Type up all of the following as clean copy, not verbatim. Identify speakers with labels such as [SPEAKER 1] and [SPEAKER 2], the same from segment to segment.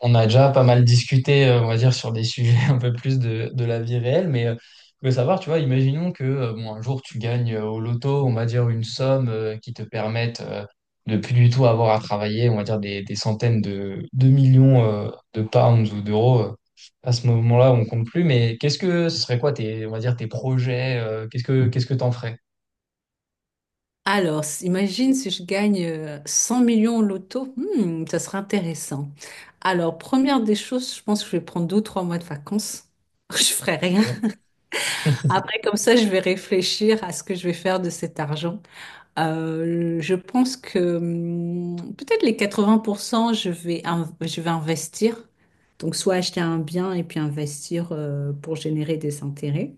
[SPEAKER 1] On a déjà pas mal discuté, on va dire, sur des sujets un peu plus de la vie réelle, mais je veux savoir, tu vois. Imaginons que bon, un jour tu gagnes au loto, on va dire, une somme qui te permette de plus du tout avoir à travailler, on va dire, des centaines de millions de pounds ou d'euros. À ce moment-là, on compte plus, mais qu'est-ce que ce serait quoi tes, on va dire, tes projets? Qu'est-ce que t'en ferais?
[SPEAKER 2] Imagine si je gagne 100 millions au loto. Ça serait intéressant. Alors, première des choses, je pense que je vais prendre 2 ou 3 mois de vacances. Je ferai rien.
[SPEAKER 1] Ok.
[SPEAKER 2] Après, comme ça, je vais réfléchir à ce que je vais faire de cet argent. Je pense que peut-être les 80%, je vais investir. Donc, soit acheter un bien et puis investir pour générer des intérêts.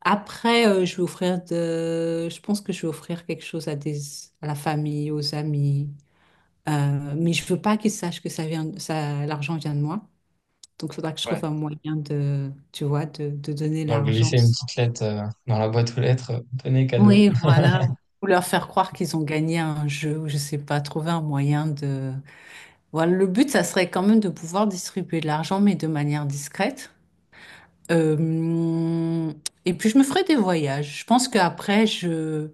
[SPEAKER 2] Après, je vais offrir de... Je pense que je vais offrir quelque chose à des... à la famille, aux amis. Mais je veux pas qu'ils sachent que ça vient... ça... l'argent vient de moi. Donc, il faudra que je
[SPEAKER 1] Ouais.
[SPEAKER 2] trouve un moyen de, tu vois, de donner
[SPEAKER 1] Donc,
[SPEAKER 2] l'argent.
[SPEAKER 1] laisser une petite lettre dans la boîte aux lettres. Tenez, cadeau.
[SPEAKER 2] Oui, voilà. Ou leur faire croire qu'ils ont gagné à un jeu, ou je sais pas, trouver un moyen de... Voilà, le but, ça serait quand même de pouvoir distribuer de l'argent, mais de manière discrète. Euh, et puis je me ferai des voyages. Je pense qu'après, je,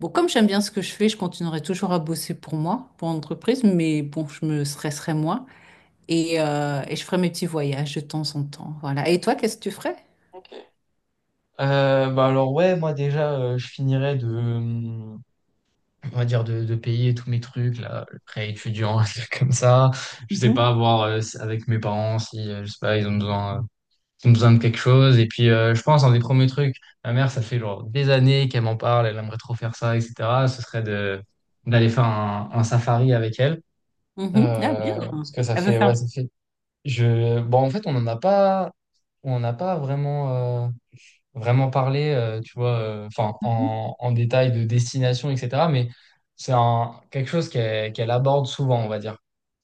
[SPEAKER 2] bon, comme j'aime bien ce que je fais, je continuerai toujours à bosser pour moi, pour l'entreprise, mais bon, je me stresserai moins et je ferai mes petits voyages de temps en temps. Voilà. Et toi, qu'est-ce que tu ferais?
[SPEAKER 1] Bah, alors ouais, moi déjà, je finirais on va dire de, payer tous mes trucs, là, le prêt étudiant, un truc comme ça. Je sais
[SPEAKER 2] Mhm.
[SPEAKER 1] pas, voir avec mes parents si, je sais pas, ils ont besoin de quelque chose. Et puis, je pense, un des premiers trucs, ma mère, ça fait genre des années qu'elle m'en parle, elle aimerait trop faire ça, etc. Ce serait de d'aller faire un safari avec elle.
[SPEAKER 2] Mhm. Ah, bien.
[SPEAKER 1] Parce que ça
[SPEAKER 2] Elle veut
[SPEAKER 1] fait, ouais,
[SPEAKER 2] faire.
[SPEAKER 1] ça fait. Bon, en fait, on n'en a pas. On n'a pas vraiment parlé, tu vois, enfin,
[SPEAKER 2] Mhm.
[SPEAKER 1] en détail de destination, etc. Mais quelque chose qu'elle aborde souvent, on va dire.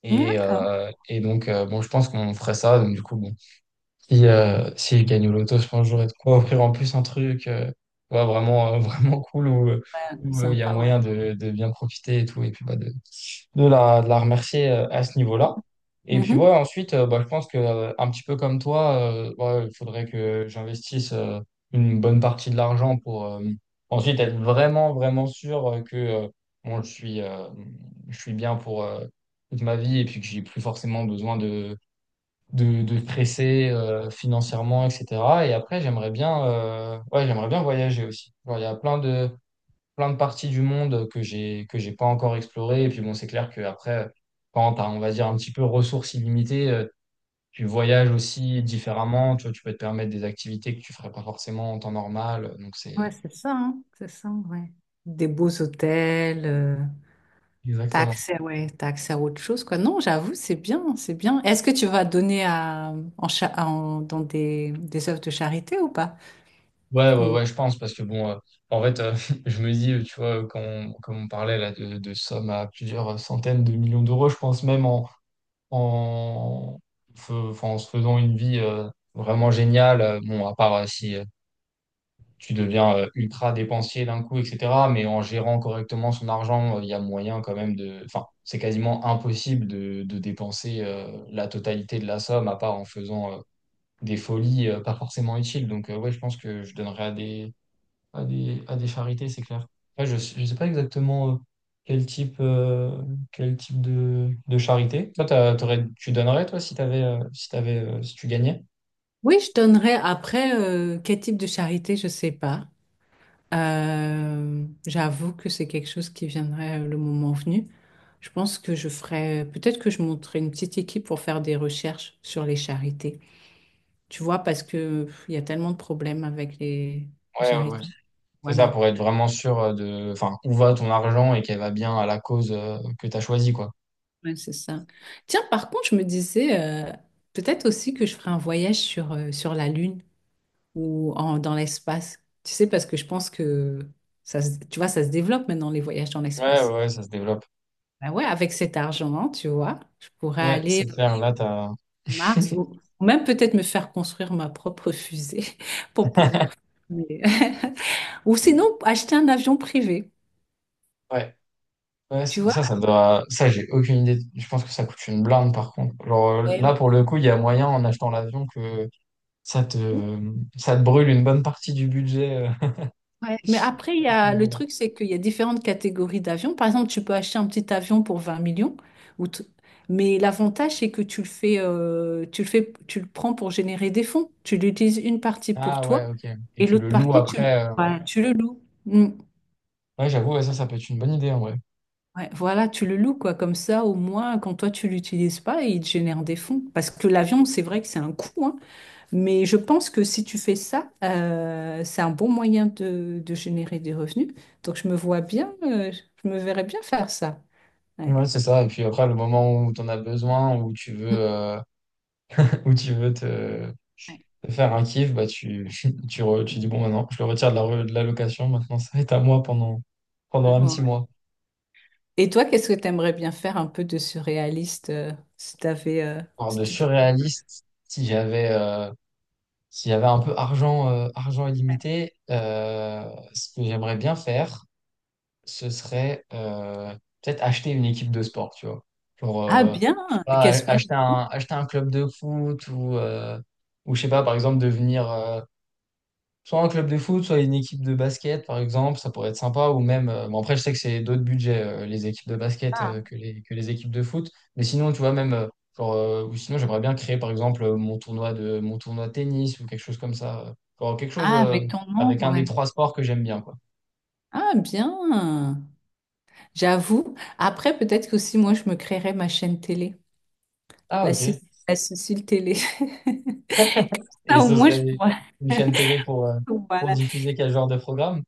[SPEAKER 2] D'accord.
[SPEAKER 1] Et donc, bon, je pense qu'on ferait ça. Donc, du coup, bon, si je gagne au loto, je pense que j'aurais de quoi offrir en plus un truc ouais, vraiment cool,
[SPEAKER 2] Ouais, c'est
[SPEAKER 1] où il y a
[SPEAKER 2] sympa, ouais.
[SPEAKER 1] moyen de bien profiter et tout. Et puis, bah, de la remercier à ce niveau-là. Et puis
[SPEAKER 2] Mhm.
[SPEAKER 1] ouais, ensuite, bah, je pense que un petit peu comme toi, ouais, il faudrait que j'investisse une bonne partie de l'argent pour ensuite être vraiment, vraiment sûr que bon, je suis bien pour toute ma vie, et puis que j'ai plus forcément besoin de stresser financièrement, etc. Et après, ouais, j'aimerais bien voyager aussi. Genre, il y a plein de parties du monde que j'ai pas encore explorées. Et puis bon, c'est clair que après, quand t'as, on va dire, un petit peu ressources illimitées, tu voyages aussi différemment. Tu vois, tu peux te permettre des activités que tu ferais pas forcément en temps normal. Donc
[SPEAKER 2] Ouais,
[SPEAKER 1] c'est
[SPEAKER 2] c'est ça, hein, c'est ça, ouais. Des beaux hôtels, t'as
[SPEAKER 1] Exactement.
[SPEAKER 2] accès, ouais, t'as accès à autre chose, quoi. Non, j'avoue, c'est bien, c'est bien. Est-ce que tu vas donner à, en, dans des œuvres de charité ou pas?
[SPEAKER 1] Ouais, ouais, ouais, je pense, parce que bon, en fait, je me dis, tu vois, comme on parlait là de sommes à plusieurs centaines de millions d'euros, je pense même en, enfin, en se faisant une vie vraiment géniale. Bon, à part si tu deviens ultra dépensier d'un coup, etc. Mais en gérant correctement son argent, il y a moyen quand même. De... Enfin, c'est quasiment impossible de dépenser la totalité de la somme, à part en faisant des folies pas forcément utiles. Donc, ouais, je pense que je donnerais à des, à des charités, c'est clair. Ouais, je ne sais pas exactement quel type, euh, quel type de charité. Toi, tu donnerais, toi, si tu gagnais?
[SPEAKER 2] Oui, je donnerais après quel type de charité, je sais pas. J'avoue que c'est quelque chose qui viendrait le moment venu. Je pense que je ferais, peut-être que je monterais une petite équipe pour faire des recherches sur les charités. Tu vois, parce que pff, il y a tellement de problèmes avec les
[SPEAKER 1] Ouais, ouais, ouais.
[SPEAKER 2] charités.
[SPEAKER 1] C'est ça,
[SPEAKER 2] Voilà,
[SPEAKER 1] pour être vraiment sûr enfin, où va ton argent et qu'elle va bien à la cause que tu as choisie, quoi.
[SPEAKER 2] ouais, c'est ça. Tiens, par contre, je me disais peut-être aussi que je ferais un voyage sur la Lune, ou en, dans l'espace. Tu sais, parce que je pense que ça, tu vois, ça se développe maintenant, les voyages dans
[SPEAKER 1] Ouais,
[SPEAKER 2] l'espace.
[SPEAKER 1] ouais, ça se développe.
[SPEAKER 2] Ben ouais, avec cet argent, tu vois, je pourrais
[SPEAKER 1] Ouais,
[SPEAKER 2] aller
[SPEAKER 1] c'est
[SPEAKER 2] sur
[SPEAKER 1] clair, là, t'as.
[SPEAKER 2] Mars ou même peut-être me faire construire ma propre fusée pour pouvoir. Mais... Ou sinon, acheter un avion privé,
[SPEAKER 1] Ouais, ouais,
[SPEAKER 2] tu
[SPEAKER 1] mais
[SPEAKER 2] vois.
[SPEAKER 1] ça doit. Ça, j'ai aucune idée. Je pense que ça coûte une blinde, par contre. Genre,
[SPEAKER 2] Ouais.
[SPEAKER 1] là, pour le coup, il y a moyen, en achetant l'avion, ça te... ça te brûle une bonne partie du budget
[SPEAKER 2] Ouais. Mais après, il y
[SPEAKER 1] à ce
[SPEAKER 2] a, le
[SPEAKER 1] niveau-là.
[SPEAKER 2] truc, c'est qu'il y a différentes catégories d'avions. Par exemple, tu peux acheter un petit avion pour 20 millions, ou t- mais l'avantage, c'est que tu le fais, tu le prends pour générer des fonds. Tu l'utilises une partie pour
[SPEAKER 1] Ah ouais,
[SPEAKER 2] toi
[SPEAKER 1] ok. Et
[SPEAKER 2] et
[SPEAKER 1] tu
[SPEAKER 2] l'autre
[SPEAKER 1] le loues
[SPEAKER 2] partie, tu,
[SPEAKER 1] après.
[SPEAKER 2] ouais, tu le loues. Mm.
[SPEAKER 1] Ouais, j'avoue, ouais, ça peut être une bonne idée, en vrai.
[SPEAKER 2] Ouais, voilà, tu le loues, quoi. Comme ça, au moins, quand toi, tu l'utilises pas, il te génère des fonds. Parce que l'avion, c'est vrai que c'est un coût, hein. Mais je pense que si tu fais ça, c'est un bon moyen de générer des revenus. Donc je me verrais bien faire ça.
[SPEAKER 1] Ouais,
[SPEAKER 2] Ouais.
[SPEAKER 1] c'est ça. Et puis après, le moment où tu en as besoin, où tu veux,
[SPEAKER 2] Mm.
[SPEAKER 1] ou tu veux
[SPEAKER 2] Ouais.
[SPEAKER 1] te faire un kiff, bah tu dis bon, maintenant, je le retire de la, de la location, maintenant ça va être à moi pendant,
[SPEAKER 2] Ouais.
[SPEAKER 1] un petit
[SPEAKER 2] Ouais.
[SPEAKER 1] mois.
[SPEAKER 2] Et toi, qu'est-ce que tu aimerais bien faire un peu de surréaliste si t'avais,
[SPEAKER 1] Alors
[SPEAKER 2] si
[SPEAKER 1] de
[SPEAKER 2] tu...
[SPEAKER 1] surréaliste, si j'avais s'il y un peu argent, argent
[SPEAKER 2] Ouais.
[SPEAKER 1] illimité, ce que j'aimerais bien faire, ce serait peut-être acheter une équipe de sport, tu vois. Genre,
[SPEAKER 2] Ah bien,
[SPEAKER 1] je sais pas,
[SPEAKER 2] qu'est-ce pas?
[SPEAKER 1] acheter un, club de foot, ou ou je sais pas, par exemple, devenir, soit un club de foot, soit une équipe de basket, par exemple, ça pourrait être sympa. Ou même, bon, après, je sais que c'est d'autres budgets, les équipes de basket,
[SPEAKER 2] Ah,
[SPEAKER 1] que les, équipes de foot. Mais sinon, tu vois, même, genre, ou sinon, j'aimerais bien créer, par exemple, mon tournoi de, tennis, ou quelque chose comme ça. Genre, quelque chose,
[SPEAKER 2] ah, avec ton nom,
[SPEAKER 1] avec un des
[SPEAKER 2] ouais.
[SPEAKER 1] trois sports que j'aime bien, quoi.
[SPEAKER 2] Ah, bien, j'avoue. Après, peut-être que aussi moi, je me créerais ma chaîne télé,
[SPEAKER 1] Ah,
[SPEAKER 2] la,
[SPEAKER 1] ok.
[SPEAKER 2] Cé- la Cécile Télé.
[SPEAKER 1] Et
[SPEAKER 2] Ah au
[SPEAKER 1] ce
[SPEAKER 2] moins, je
[SPEAKER 1] serait
[SPEAKER 2] pourrais.
[SPEAKER 1] une chaîne télé pour
[SPEAKER 2] Voilà.
[SPEAKER 1] diffuser quel genre de programme?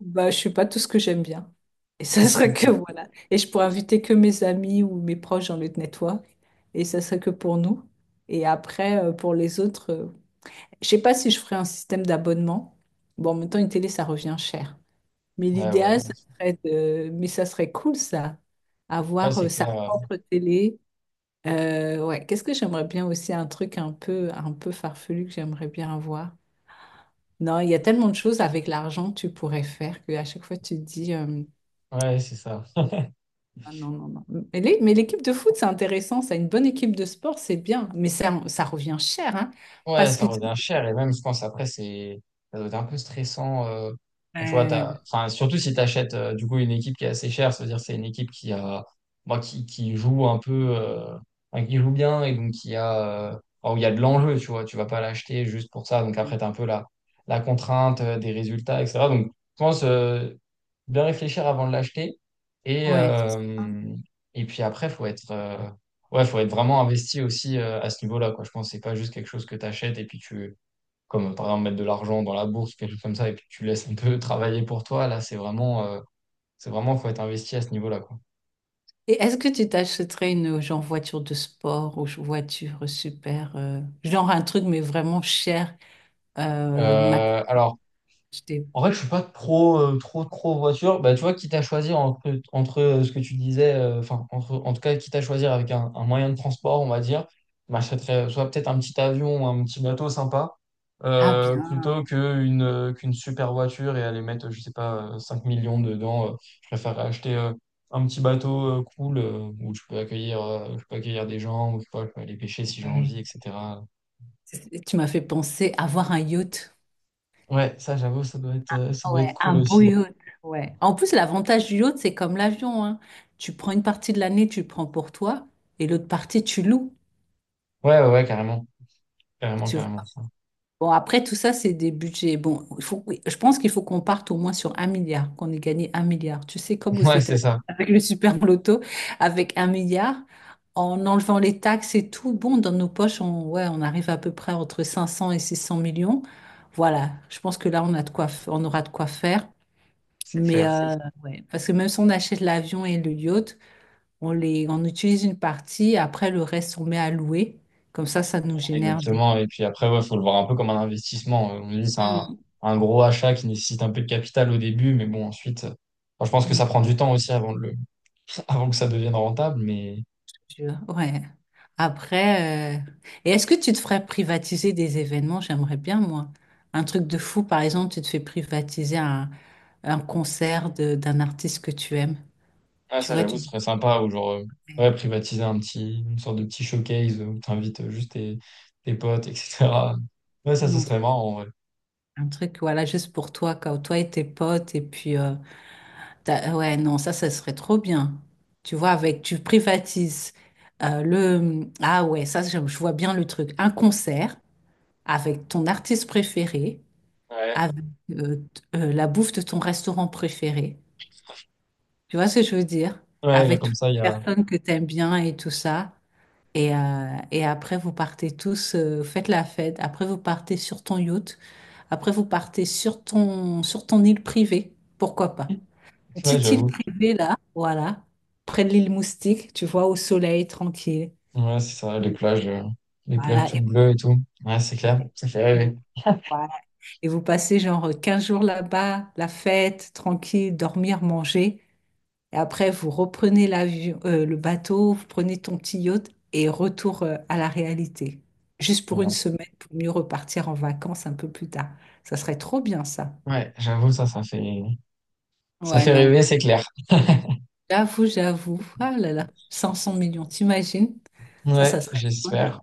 [SPEAKER 2] Bah, je suis pas tout ce que j'aime bien. Et ça serait que
[SPEAKER 1] Ok.
[SPEAKER 2] voilà. Et je pourrais inviter que mes amis ou mes proches dans le network. Et ça serait que pour nous. Et après, pour les autres, je sais pas si je ferais un système d'abonnement. Bon, en même temps, une télé, ça revient cher. Mais
[SPEAKER 1] Ouais, ouais.
[SPEAKER 2] l'idéal, ça serait de... Mais ça serait cool, ça.
[SPEAKER 1] Ouais,
[SPEAKER 2] Avoir
[SPEAKER 1] c'est
[SPEAKER 2] sa
[SPEAKER 1] clair.
[SPEAKER 2] propre télé. Ouais, qu'est-ce que j'aimerais bien aussi? Un truc un peu farfelu que j'aimerais bien avoir. Non, il y a tellement de choses avec l'argent que tu pourrais faire qu'à chaque fois, tu te dis...
[SPEAKER 1] Ouais, c'est ça.
[SPEAKER 2] Ah non, non, non. Mais les... mais l'équipe de foot, c'est intéressant. Ça, une bonne équipe de sport, c'est bien. Mais ça revient cher, hein,
[SPEAKER 1] Ouais,
[SPEAKER 2] parce
[SPEAKER 1] ça
[SPEAKER 2] que tu-
[SPEAKER 1] revient cher, et même je pense après c'est ça doit être un peu stressant, quand tu vois t'as,
[SPEAKER 2] Ouais.
[SPEAKER 1] enfin, surtout si tu achètes du coup une équipe qui est assez chère, ça veut dire que c'est une équipe qui a, moi, qui joue un peu enfin, qui joue bien, et donc qui a enfin, où il y a de l'enjeu, tu vois. Tu vas pas l'acheter juste pour ça. Donc après tu as un peu la contrainte des résultats, etc. Donc je pense bien réfléchir avant de l'acheter, et
[SPEAKER 2] Ouais.
[SPEAKER 1] euh, et puis après faut être ouais, faut être vraiment investi aussi à ce niveau-là, quoi. Je pense que c'est pas juste quelque chose que tu achètes et puis comme par exemple, mettre de l'argent dans la bourse, quelque chose comme ça, et puis tu laisses un peu travailler pour toi. Là, c'est c'est vraiment, faut être investi à ce niveau-là, quoi.
[SPEAKER 2] Et est-ce que tu t'achèterais une genre voiture de sport voiture super, genre un truc mais vraiment cher, euh, m'a-
[SPEAKER 1] Alors,
[SPEAKER 2] j'étais-
[SPEAKER 1] en fait, je suis pas trop, trop, trop voiture. Bah, tu vois, quitte à choisir entre, ce que tu disais, enfin, entre, en tout cas, quitte à choisir avec un, moyen de transport, on va dire, bah, je m'achèterais soit peut-être un petit avion, ou un petit bateau sympa,
[SPEAKER 2] Ah bien.
[SPEAKER 1] plutôt qu'une qu'une super voiture, et aller mettre, je sais pas, 5 millions dedans. Je préfère acheter un petit bateau cool, où je peux accueillir des gens, où, je sais pas, je peux aller pêcher si j'ai envie,
[SPEAKER 2] Ouais.
[SPEAKER 1] etc.
[SPEAKER 2] Tu m'as fait penser à avoir un yacht.
[SPEAKER 1] Ouais, ça, j'avoue, ça doit être
[SPEAKER 2] Ouais,
[SPEAKER 1] cool
[SPEAKER 2] un beau
[SPEAKER 1] aussi.
[SPEAKER 2] yacht. Ouais. En plus, l'avantage du yacht, c'est comme l'avion, hein. Tu prends une partie de l'année, tu le prends pour toi, et l'autre partie, tu loues.
[SPEAKER 1] Ouais, ouais, ouais, carrément. Carrément,
[SPEAKER 2] Tu vois.
[SPEAKER 1] carrément.
[SPEAKER 2] Bon, après, tout ça, c'est des budgets. Bon, il faut, oui, je pense qu'il faut qu'on parte au moins sur un milliard, qu'on ait gagné un milliard. Tu sais, comme aux
[SPEAKER 1] Ouais, c'est
[SPEAKER 2] États-Unis,
[SPEAKER 1] ça,
[SPEAKER 2] avec le super loto, avec un milliard, en enlevant les taxes et tout, bon, dans nos poches, on, ouais, on arrive à peu près entre 500 et 600 millions. Voilà, je pense que là, on a de quoi, on aura de quoi faire.
[SPEAKER 1] c'est
[SPEAKER 2] Mais
[SPEAKER 1] clair.
[SPEAKER 2] ouais, parce que même si on achète l'avion et le yacht, on les, on utilise une partie, après le reste, on met à louer. Comme ça nous génère des...
[SPEAKER 1] Exactement. Et puis après, ouais, faut le voir un peu comme un investissement. On dit, c'est un, gros achat qui nécessite un peu de capital au début, mais bon, ensuite, enfin, je pense que
[SPEAKER 2] Mm.
[SPEAKER 1] ça prend du temps aussi avant que ça devienne rentable. Mais
[SPEAKER 2] Je- Ouais. Après, et est-ce que tu te ferais privatiser des événements? J'aimerais bien, moi. Un truc de fou, par exemple, tu te fais privatiser un concert d'un artiste que tu aimes.
[SPEAKER 1] ouais,
[SPEAKER 2] Tu
[SPEAKER 1] ça,
[SPEAKER 2] vois,
[SPEAKER 1] j'avoue,
[SPEAKER 2] tu
[SPEAKER 1] ce
[SPEAKER 2] dis,
[SPEAKER 1] serait sympa, ou genre, ouais, privatiser une sorte de petit showcase où t'invites juste tes, potes, etc. Ouais,
[SPEAKER 2] ah
[SPEAKER 1] ça, ce
[SPEAKER 2] non, c'est
[SPEAKER 1] serait marrant, en vrai.
[SPEAKER 2] un truc, voilà, juste pour toi, quand toi et tes potes, et puis, ouais, non, ça serait trop bien. Tu vois, avec, tu privatises le, ah ouais, ça, je vois bien le truc. Un concert avec ton artiste préféré.
[SPEAKER 1] Ouais.
[SPEAKER 2] Avec la bouffe de ton restaurant préféré. Tu vois ce que je veux dire?
[SPEAKER 1] Ouais, là,
[SPEAKER 2] Avec
[SPEAKER 1] comme
[SPEAKER 2] toutes
[SPEAKER 1] ça,
[SPEAKER 2] les personnes que tu aimes bien et tout ça. Et après, vous partez tous, faites la fête. Après, vous partez sur ton yacht. Après, vous partez sur ton île privée. Pourquoi pas? Une
[SPEAKER 1] ouais,
[SPEAKER 2] petite île
[SPEAKER 1] j'avoue.
[SPEAKER 2] privée, là, voilà. Près de l'île Moustique, tu vois, au soleil, tranquille.
[SPEAKER 1] Ouais, c'est ça, les plages
[SPEAKER 2] Voilà.
[SPEAKER 1] toutes bleues et tout. Ouais, c'est
[SPEAKER 2] Et
[SPEAKER 1] clair,
[SPEAKER 2] vous, voilà. Et vous passez genre 15 jours là-bas, la fête, tranquille, dormir, manger. Et après, vous reprenez l'avion, le bateau, vous prenez ton petit yacht et retour à la réalité. Juste pour une
[SPEAKER 1] ouais.
[SPEAKER 2] semaine, pour mieux repartir en vacances un peu plus tard. Ça serait trop bien, ça.
[SPEAKER 1] Ouais, j'avoue, ça
[SPEAKER 2] Ouais,
[SPEAKER 1] fait
[SPEAKER 2] non.
[SPEAKER 1] rêver, c'est clair.
[SPEAKER 2] J'avoue, j'avoue. Ah là là, 500 millions, t'imagines? Ça,
[SPEAKER 1] Ouais,
[SPEAKER 2] ça serait le bonheur.
[SPEAKER 1] j'espère.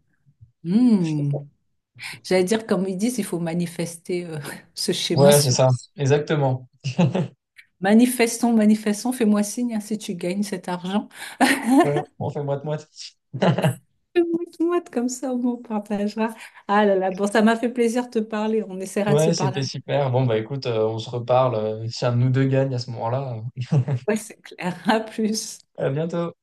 [SPEAKER 2] Hmm. J'allais dire, comme ils disent, il faut manifester ce schéma
[SPEAKER 1] Ouais, c'est
[SPEAKER 2] sur...
[SPEAKER 1] ça, exactement.
[SPEAKER 2] Manifestons, manifestons, fais-moi signe hein, si tu gagnes cet argent.
[SPEAKER 1] Ouais, bon, on fait moite-moite.
[SPEAKER 2] Mouette-mouette, comme ça, au moins, on partagera. Ah là là, bon, ça m'a fait plaisir de te parler. On essaiera de se
[SPEAKER 1] Ouais,
[SPEAKER 2] parler
[SPEAKER 1] c'était
[SPEAKER 2] un
[SPEAKER 1] super. Bon, bah écoute, on se reparle si un de nous deux gagne à ce moment-là.
[SPEAKER 2] peu. Ouais, c'est clair. À plus.
[SPEAKER 1] À bientôt.